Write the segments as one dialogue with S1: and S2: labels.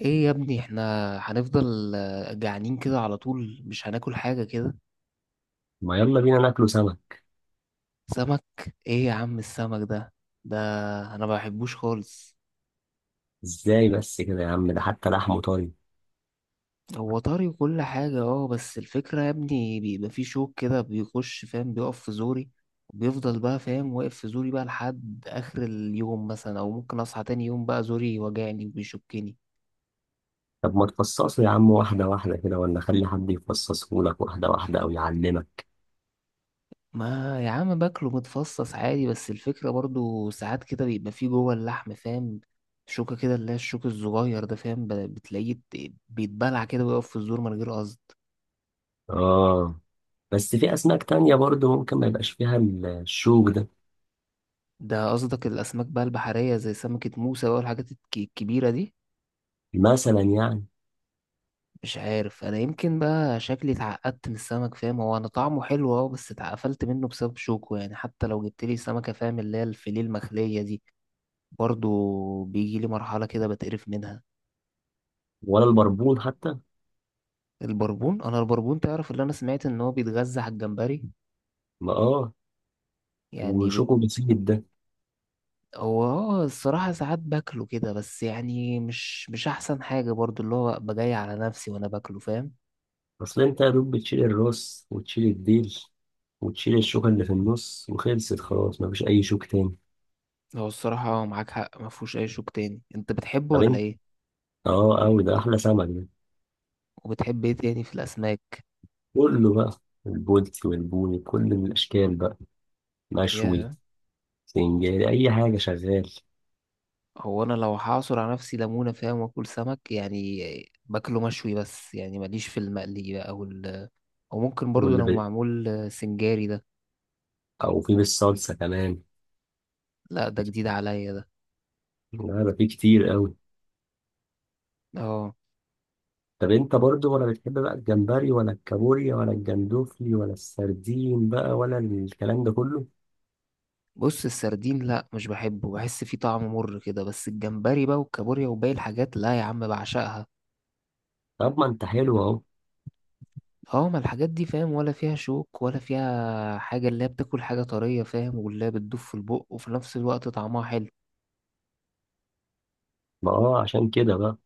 S1: ايه يا ابني احنا هنفضل جعانين كده على طول، مش هناكل حاجة كده؟
S2: ما يلا بينا ناكله سمك.
S1: سمك؟ ايه يا عم السمك ده؟ ده انا ما بحبوش خالص.
S2: ازاي بس كده يا عم، ده حتى لحمه طري.
S1: هو طري وكل حاجة اه، بس الفكرة يا ابني بيبقى فيه شوك كده بيخش فاهم، بيقف في زوري. وبيفضل بقى فاهم واقف في زوري بقى لحد اخر اليوم مثلا، او ممكن اصحى تاني يوم بقى زوري وجعني وبيشكني.
S2: طب ما تفصصه يا عم واحدة واحدة كده، ولا خلي حد يفصصه لك واحدة واحدة أو يعلمك.
S1: ما يا عم باكله متفصص عادي، بس الفكرة برضو ساعات كده بيبقى فيه جوه اللحم فاهم، شوكة كده اللي هي الشوك الصغير ده فاهم، بتلاقيه بيتبلع كده ويقف في الزور من غير قصد.
S2: آه، بس في أسماك تانية برضه ممكن ما يبقاش فيها الشوك ده.
S1: ده قصدك الأسماك بقى البحرية زي سمكة موسى بقى والحاجات الكبيرة دي.
S2: مثلا يعني؟
S1: مش عارف، أنا يمكن بقى شكلي اتعقدت من السمك فاهم، هو أنا طعمه حلو أه، بس اتقفلت منه بسبب شوكه، يعني حتى لو جبتلي سمكة فاهم اللي هي الفيليه المخلية دي، برضو بيجيلي مرحلة كده بتقرف منها.
S2: ولا البربون حتى.
S1: البربون، انا البربون تعرف، اللي انا سمعت ان هو بيتغذى على الجمبري،
S2: ما آه،
S1: يعني بت...
S2: وشوكه بسيط ده.
S1: هو اه، الصراحة ساعات باكله كده، بس يعني مش احسن حاجة برضو، اللي هو ابقى جاي على نفسي وانا باكله فاهم.
S2: أصل أنت يا دوب بتشيل الراس وتشيل الديل وتشيل الشوكة اللي في النص وخلصت، خلاص مفيش أي شوك تاني.
S1: هو الصراحة اه، معاك حق، ما فيهوش اي شوك تاني. انت بتحبه
S2: طب
S1: ولا
S2: أنت؟
S1: ايه؟
S2: آه أوي، ده أحلى سمك ده.
S1: وبتحب ايه تاني في الاسماك؟
S2: كله بقى، البولتي والبوني، كل الأشكال بقى، مشوي،
S1: يا
S2: سنجاري، أي حاجة شغال.
S1: هو انا لو هعصر على نفسي ليمونة فاهم واكل سمك، يعني باكله مشوي، بس يعني ماليش في المقلي بقى، او ال... او ممكن برضو
S2: واللي
S1: لو
S2: ب...
S1: معمول سنجاري ده.
S2: أو في بالصلصة كمان.
S1: لا ده جديد عليا ده.
S2: لا ده في كتير قوي.
S1: اه،
S2: طب أنت برضو ولا، بتحب بقى الجمبري ولا الكابوريا ولا الجندوفلي ولا السردين بقى ولا الكلام ده كله؟
S1: بص السردين لا مش بحبه، بحس فيه طعم مر كده، بس الجمبري بقى والكابوريا وباقي الحاجات لا يا عم بعشقها.
S2: طب ما أنت حلو أهو.
S1: اه، ما الحاجات دي فاهم ولا فيها شوك ولا فيها حاجة، اللي هي بتاكل حاجة طرية فاهم، واللي هي بتدوب في البق وفي نفس الوقت طعمها حلو.
S2: ما أه، عشان كده بقى.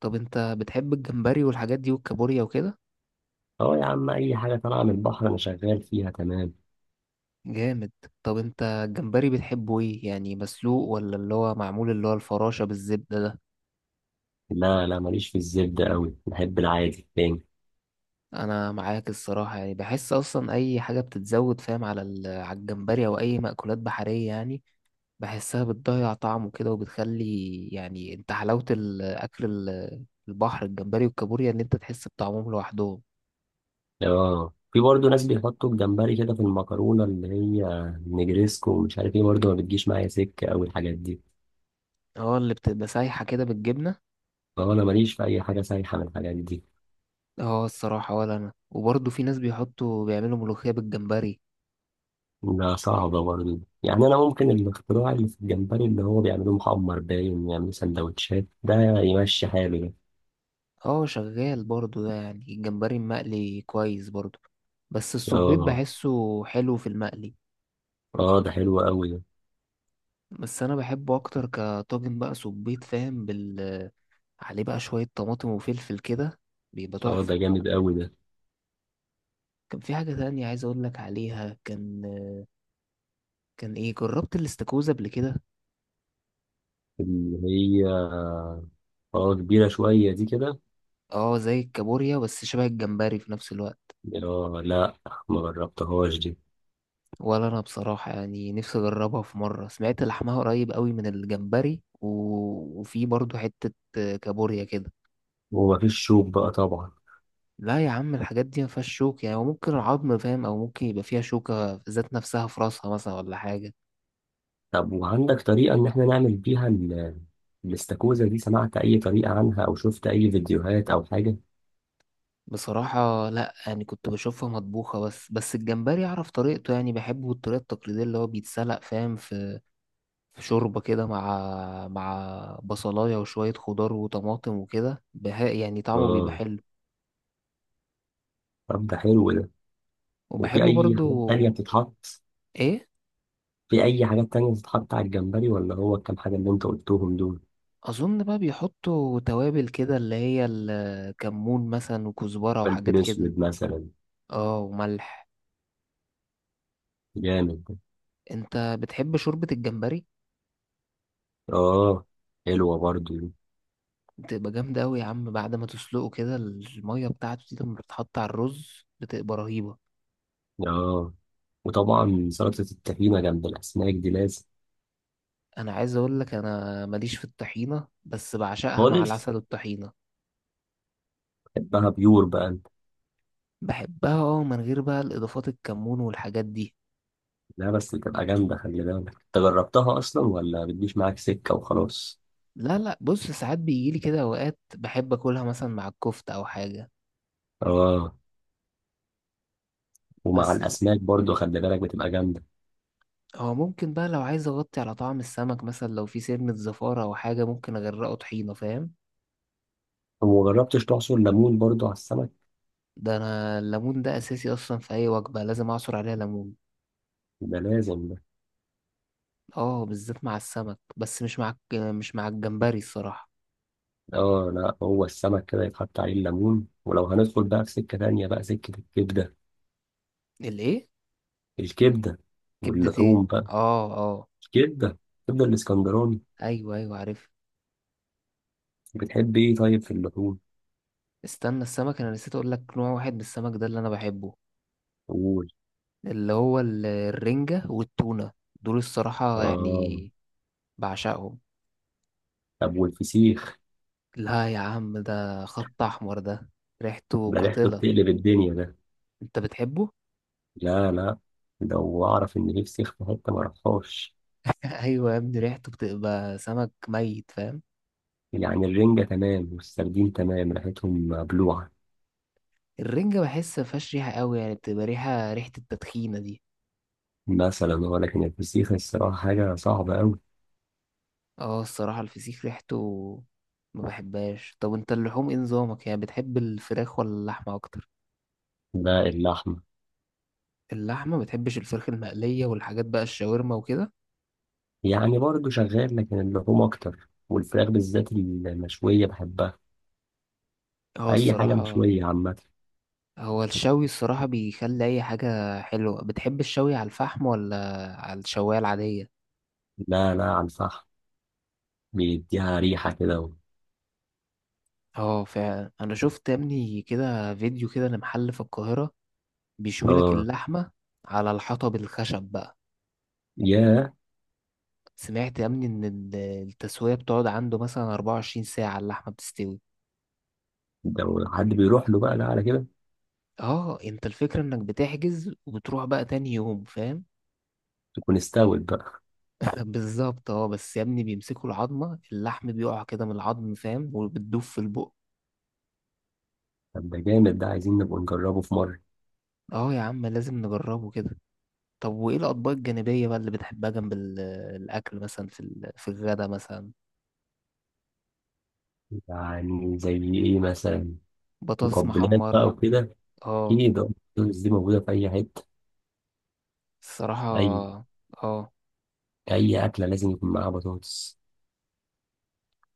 S1: طب انت بتحب الجمبري والحاجات دي والكابوريا وكده؟
S2: أه يا عم، أي حاجة طالعة من البحر أنا شغال فيها تمام.
S1: جامد. طب انت الجمبري بتحبه ايه يعني، مسلوق ولا اللي هو معمول اللي هو الفراشة بالزبدة ده؟
S2: لا لا، ماليش في الزبدة قوي، بحب العادي تاني.
S1: انا معاك الصراحة، يعني بحس اصلا اي حاجة بتتزود فاهم على على الجمبري او اي مأكولات بحرية يعني، بحسها بتضيع طعمه كده وبتخلي، يعني انت حلاوة الأكل البحر، الجمبري والكابوريا، إن أنت تحس بطعمهم لوحدهم.
S2: اه، في برضه ناس بيحطوا الجمبري كده في المكرونة اللي هي نجريسكو ومش عارف ايه، برضه ما بتجيش معايا سكة أوي الحاجات دي.
S1: اه اللي بتبقى سايحة كده بالجبنة.
S2: فهو أنا ماليش في أي حاجة سايحة من الحاجات دي.
S1: اه الصراحة ولا أنا، وبرضه في ناس بيحطوا بيعملوا ملوخية بالجمبري.
S2: لا صعبة برضه يعني، أنا ممكن الاختراع اللي في الجمبري اللي هو بيعملوه محمر، باين يعملوا سندوتشات ده، يمشي حاله ده.
S1: اه شغال برضه ده، يعني الجمبري المقلي كويس برضه، بس الصبيط
S2: اه.
S1: بحسه حلو في المقلي.
S2: اه ده حلو أوي ده.
S1: بس أنا بحبه أكتر كطاجن بقى، صبيط فاهم بال، عليه بقى شوية طماطم وفلفل كده، بيبقى
S2: اه
S1: تحفة.
S2: ده جامد أوي ده.
S1: كان في حاجة تانية عايز أقول لك عليها، كان كان إيه، جربت الاستاكوزا قبل كده؟
S2: اللي هي؟ اه كبيرة شوية دي كده.
S1: أه زي الكابوريا، بس شبه الجمبري في نفس الوقت.
S2: اه لا، ما جربتهاش دي.
S1: ولا أنا بصراحة، يعني نفسي أجربها في مرة، سمعت لحمها قريب قوي من الجمبري، و... وفي برضو حتة كابوريا كده.
S2: ومفيش شوك بقى طبعا.
S1: لا يا عم الحاجات دي ما فيهاش شوك، يعني ممكن العظم فاهم، أو ممكن يبقى فيها شوكة ذات نفسها في راسها مثلا ولا حاجة.
S2: طب وعندك طريقة إن إحنا نعمل بيها الاستاكوزا دي؟ سمعت أي طريقة عنها أو شفت أي فيديوهات أو حاجة؟
S1: بصراحة لا، يعني كنت بشوفها مطبوخة بس، الجمبري أعرف طريقته، يعني بحبه الطريقة التقليدية اللي هو بيتسلق فاهم في شوربة كده، مع بصلاية وشوية خضار وطماطم وكده بها، يعني طعمه بيبقى
S2: آه.
S1: حلو.
S2: طب ده حلو ده.
S1: وبحب
S2: وفي أي حاجات
S1: برضو.
S2: تانية بتتحط؟
S1: ايه؟
S2: في أي حاجات تانية بتتحط على الجمبري، ولا هو الكام حاجة اللي أنت قلتهم دول؟
S1: اظن بقى بيحطوا توابل كده اللي هي الكمون مثلا وكزبرة
S2: فلفل
S1: وحاجات كده.
S2: أسود مثلا.
S1: اه وملح.
S2: جامد ده.
S1: انت بتحب شوربة الجمبري؟
S2: آه، حلوة برضو دي.
S1: بتبقى جامدة اوي يا عم، بعد ما تسلقه كده المية بتاعته دي لما بتتحط على الرز بتبقى رهيبة.
S2: آه، وطبعا سلطة التخينة جنب الأسماك دي لازم.
S1: انا عايز اقول لك، انا ماليش في الطحينة، بس بعشقها مع
S2: خالص.
S1: العسل والطحينة.
S2: بحبها بيور بقى أنت؟
S1: بحبها اه، من غير بقى الاضافات الكمون والحاجات دي.
S2: لا بس بتبقى جامدة، خلي بالك. أنت جربتها أصلا ولا بتجيش معاك سكة وخلاص؟
S1: لا لا، بص ساعات بيجيلي كده اوقات بحب اكلها مثلا مع الكفتة او حاجة.
S2: اه. ومع
S1: بس
S2: الاسماك برضو خلي بالك، بتبقى جامده.
S1: هو ممكن بقى لو عايز اغطي على طعم السمك مثلا، لو في سنة زفارة او حاجة، ممكن اغرقه طحينة فاهم.
S2: وما جربتش تعصر ليمون برضو على السمك؟
S1: ده انا الليمون ده اساسي اصلا، في اي وجبة لازم اعصر عليها ليمون.
S2: ده لازم ده.
S1: اه، بالذات مع السمك، بس مش مع مش مع الجمبري الصراحة.
S2: اه لا، هو السمك كده يتحط عليه الليمون. ولو هندخل بقى في سكه تانيه بقى، سكه الكبده.
S1: الايه؟
S2: الكبده.
S1: كبدة ايه؟
S2: واللحوم بقى.
S1: اه اه.
S2: الكبده، الكبده الاسكندراني.
S1: ايوه ايوه عارف.
S2: بتحب ايه طيب في اللحوم؟
S1: استنى، السمك انا نسيت اقول لك نوع واحد من السمك ده اللي انا بحبه،
S2: قول.
S1: اللي هو الرنجة والتونة، دول الصراحة
S2: اه.
S1: يعني بعشقهم.
S2: طب والفسيخ؟
S1: لا يا عم ده خط أحمر ده، ريحته
S2: ده ريحته
S1: قاتلة.
S2: بتقلب الدنيا ده.
S1: أنت بتحبه؟
S2: لا لا، لو اعرف ان في فسيخ في حته ما اروحهاش.
S1: أيوة يا ابني ريحته بتبقى سمك ميت فاهم.
S2: يعني الرنجه تمام والسردين تمام، ريحتهم مبلوعه
S1: الرنجة بحس مفيهاش ريحة قوي، يعني بتبقى ريحة، التدخينة دي
S2: مثلا، هو لكن الفسيخ الصراحة حاجة صعبة أوي.
S1: اه الصراحة الفسيخ ريحته ما بحبهاش. طب انت اللحوم ايه نظامك، يعني بتحب الفراخ ولا اللحمة أكتر؟
S2: ده اللحمة.
S1: اللحمة؟ ما بتحبش الفراخ المقلية والحاجات بقى، الشاورما وكده؟
S2: يعني برضه شغال، لكن اللحوم أكتر، والفراخ بالذات المشوية بحبها.
S1: اه
S2: أي حاجة
S1: الصراحة.
S2: مشوية عامة.
S1: هو الشوي الصراحة بيخلي أي حاجة حلوة. بتحب الشوي على الفحم ولا على الشواية العادية؟
S2: لا لا، على الفحم، بيديها ريحة كده و...
S1: اه فعلا، أنا شفت يا ابني كده فيديو كده لمحل في القاهرة بيشوي لك
S2: آه.
S1: اللحمة على الحطب، الخشب بقى.
S2: ياه.
S1: سمعت يا ابني إن التسوية بتقعد عنده مثلا 24 ساعة اللحمة بتستوي.
S2: ده لو حد بيروح له بقى، لا على كده
S1: اه، انت الفكرة انك بتحجز وبتروح بقى تاني يوم فاهم.
S2: تكون استوت بقى.
S1: بالظبط اه، بس يا ابني بيمسكوا العظمة، اللحم بيقع كده من العظم فاهم، وبتدوب في البق.
S2: طب ده جامد ده، عايزين نبقى نجربه في مرة.
S1: اه يا عم لازم نجربه كده. طب وإيه الأطباق الجانبية بقى اللي بتحبها جنب الأكل مثلا، في في الغدا مثلا؟
S2: يعني زي إيه مثلا؟
S1: بطاطس
S2: مقبلات بقى
S1: محمرة؟
S2: وكده.
S1: اه
S2: أكيد آه، البطاطس دي موجودة في أي حتة.
S1: الصراحة
S2: أي
S1: اه.
S2: أي أكلة لازم يكون معاها بطاطس.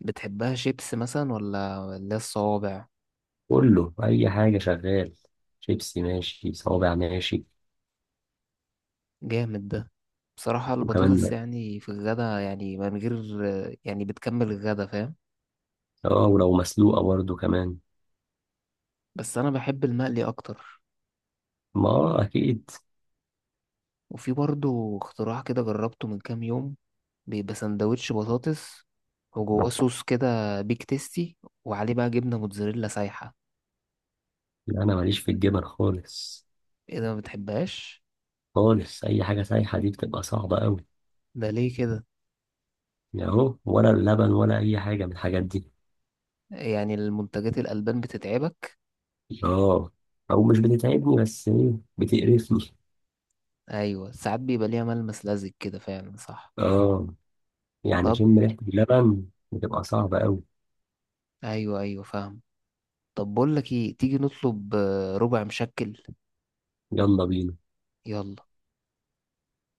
S1: بتحبها شيبس مثلا، ولا اللي هي الصوابع؟
S2: كله، اي حاجه شغال، شيبسي ماشي، صوابع ماشي.
S1: جامد ده. بصراحة البطاطس
S2: وكمان.
S1: يعني في الغدا، يعني من غير، يعني بتكمل الغدا فاهم.
S2: اه ولو مسلوقه برضه كمان.
S1: بس أنا بحب المقلي أكتر.
S2: ما آه، اكيد.
S1: وفي برضو اختراع كده جربته من كام يوم، بيبقى سندوتش بطاطس وجواه صوص كده بيك تيستي، وعليه بقى جبنة موتزاريلا سايحة.
S2: لا انا ماليش في الجبن خالص.
S1: ايه ده، ما بتحبهاش؟
S2: خالص، اي حاجه سايحه دي بتبقى صعبه قوي.
S1: ده ليه كده؟
S2: يعني، اهو ولا اللبن ولا اي حاجه من الحاجات دي.
S1: يعني المنتجات الألبان بتتعبك؟
S2: اه. او مش بتتعبني، بس ايه، بتقرفني.
S1: ايوه، ساعات بيبقى ليها ملمس لزج كده، فعلا صح.
S2: اه، يعني
S1: طب
S2: اشم ريحه اللبن، بتبقى صعبه قوي.
S1: ايوه ايوه فاهم. طب بقول لك ايه، تيجي نطلب ربع مشكل؟
S2: يلا بينا.
S1: يلا.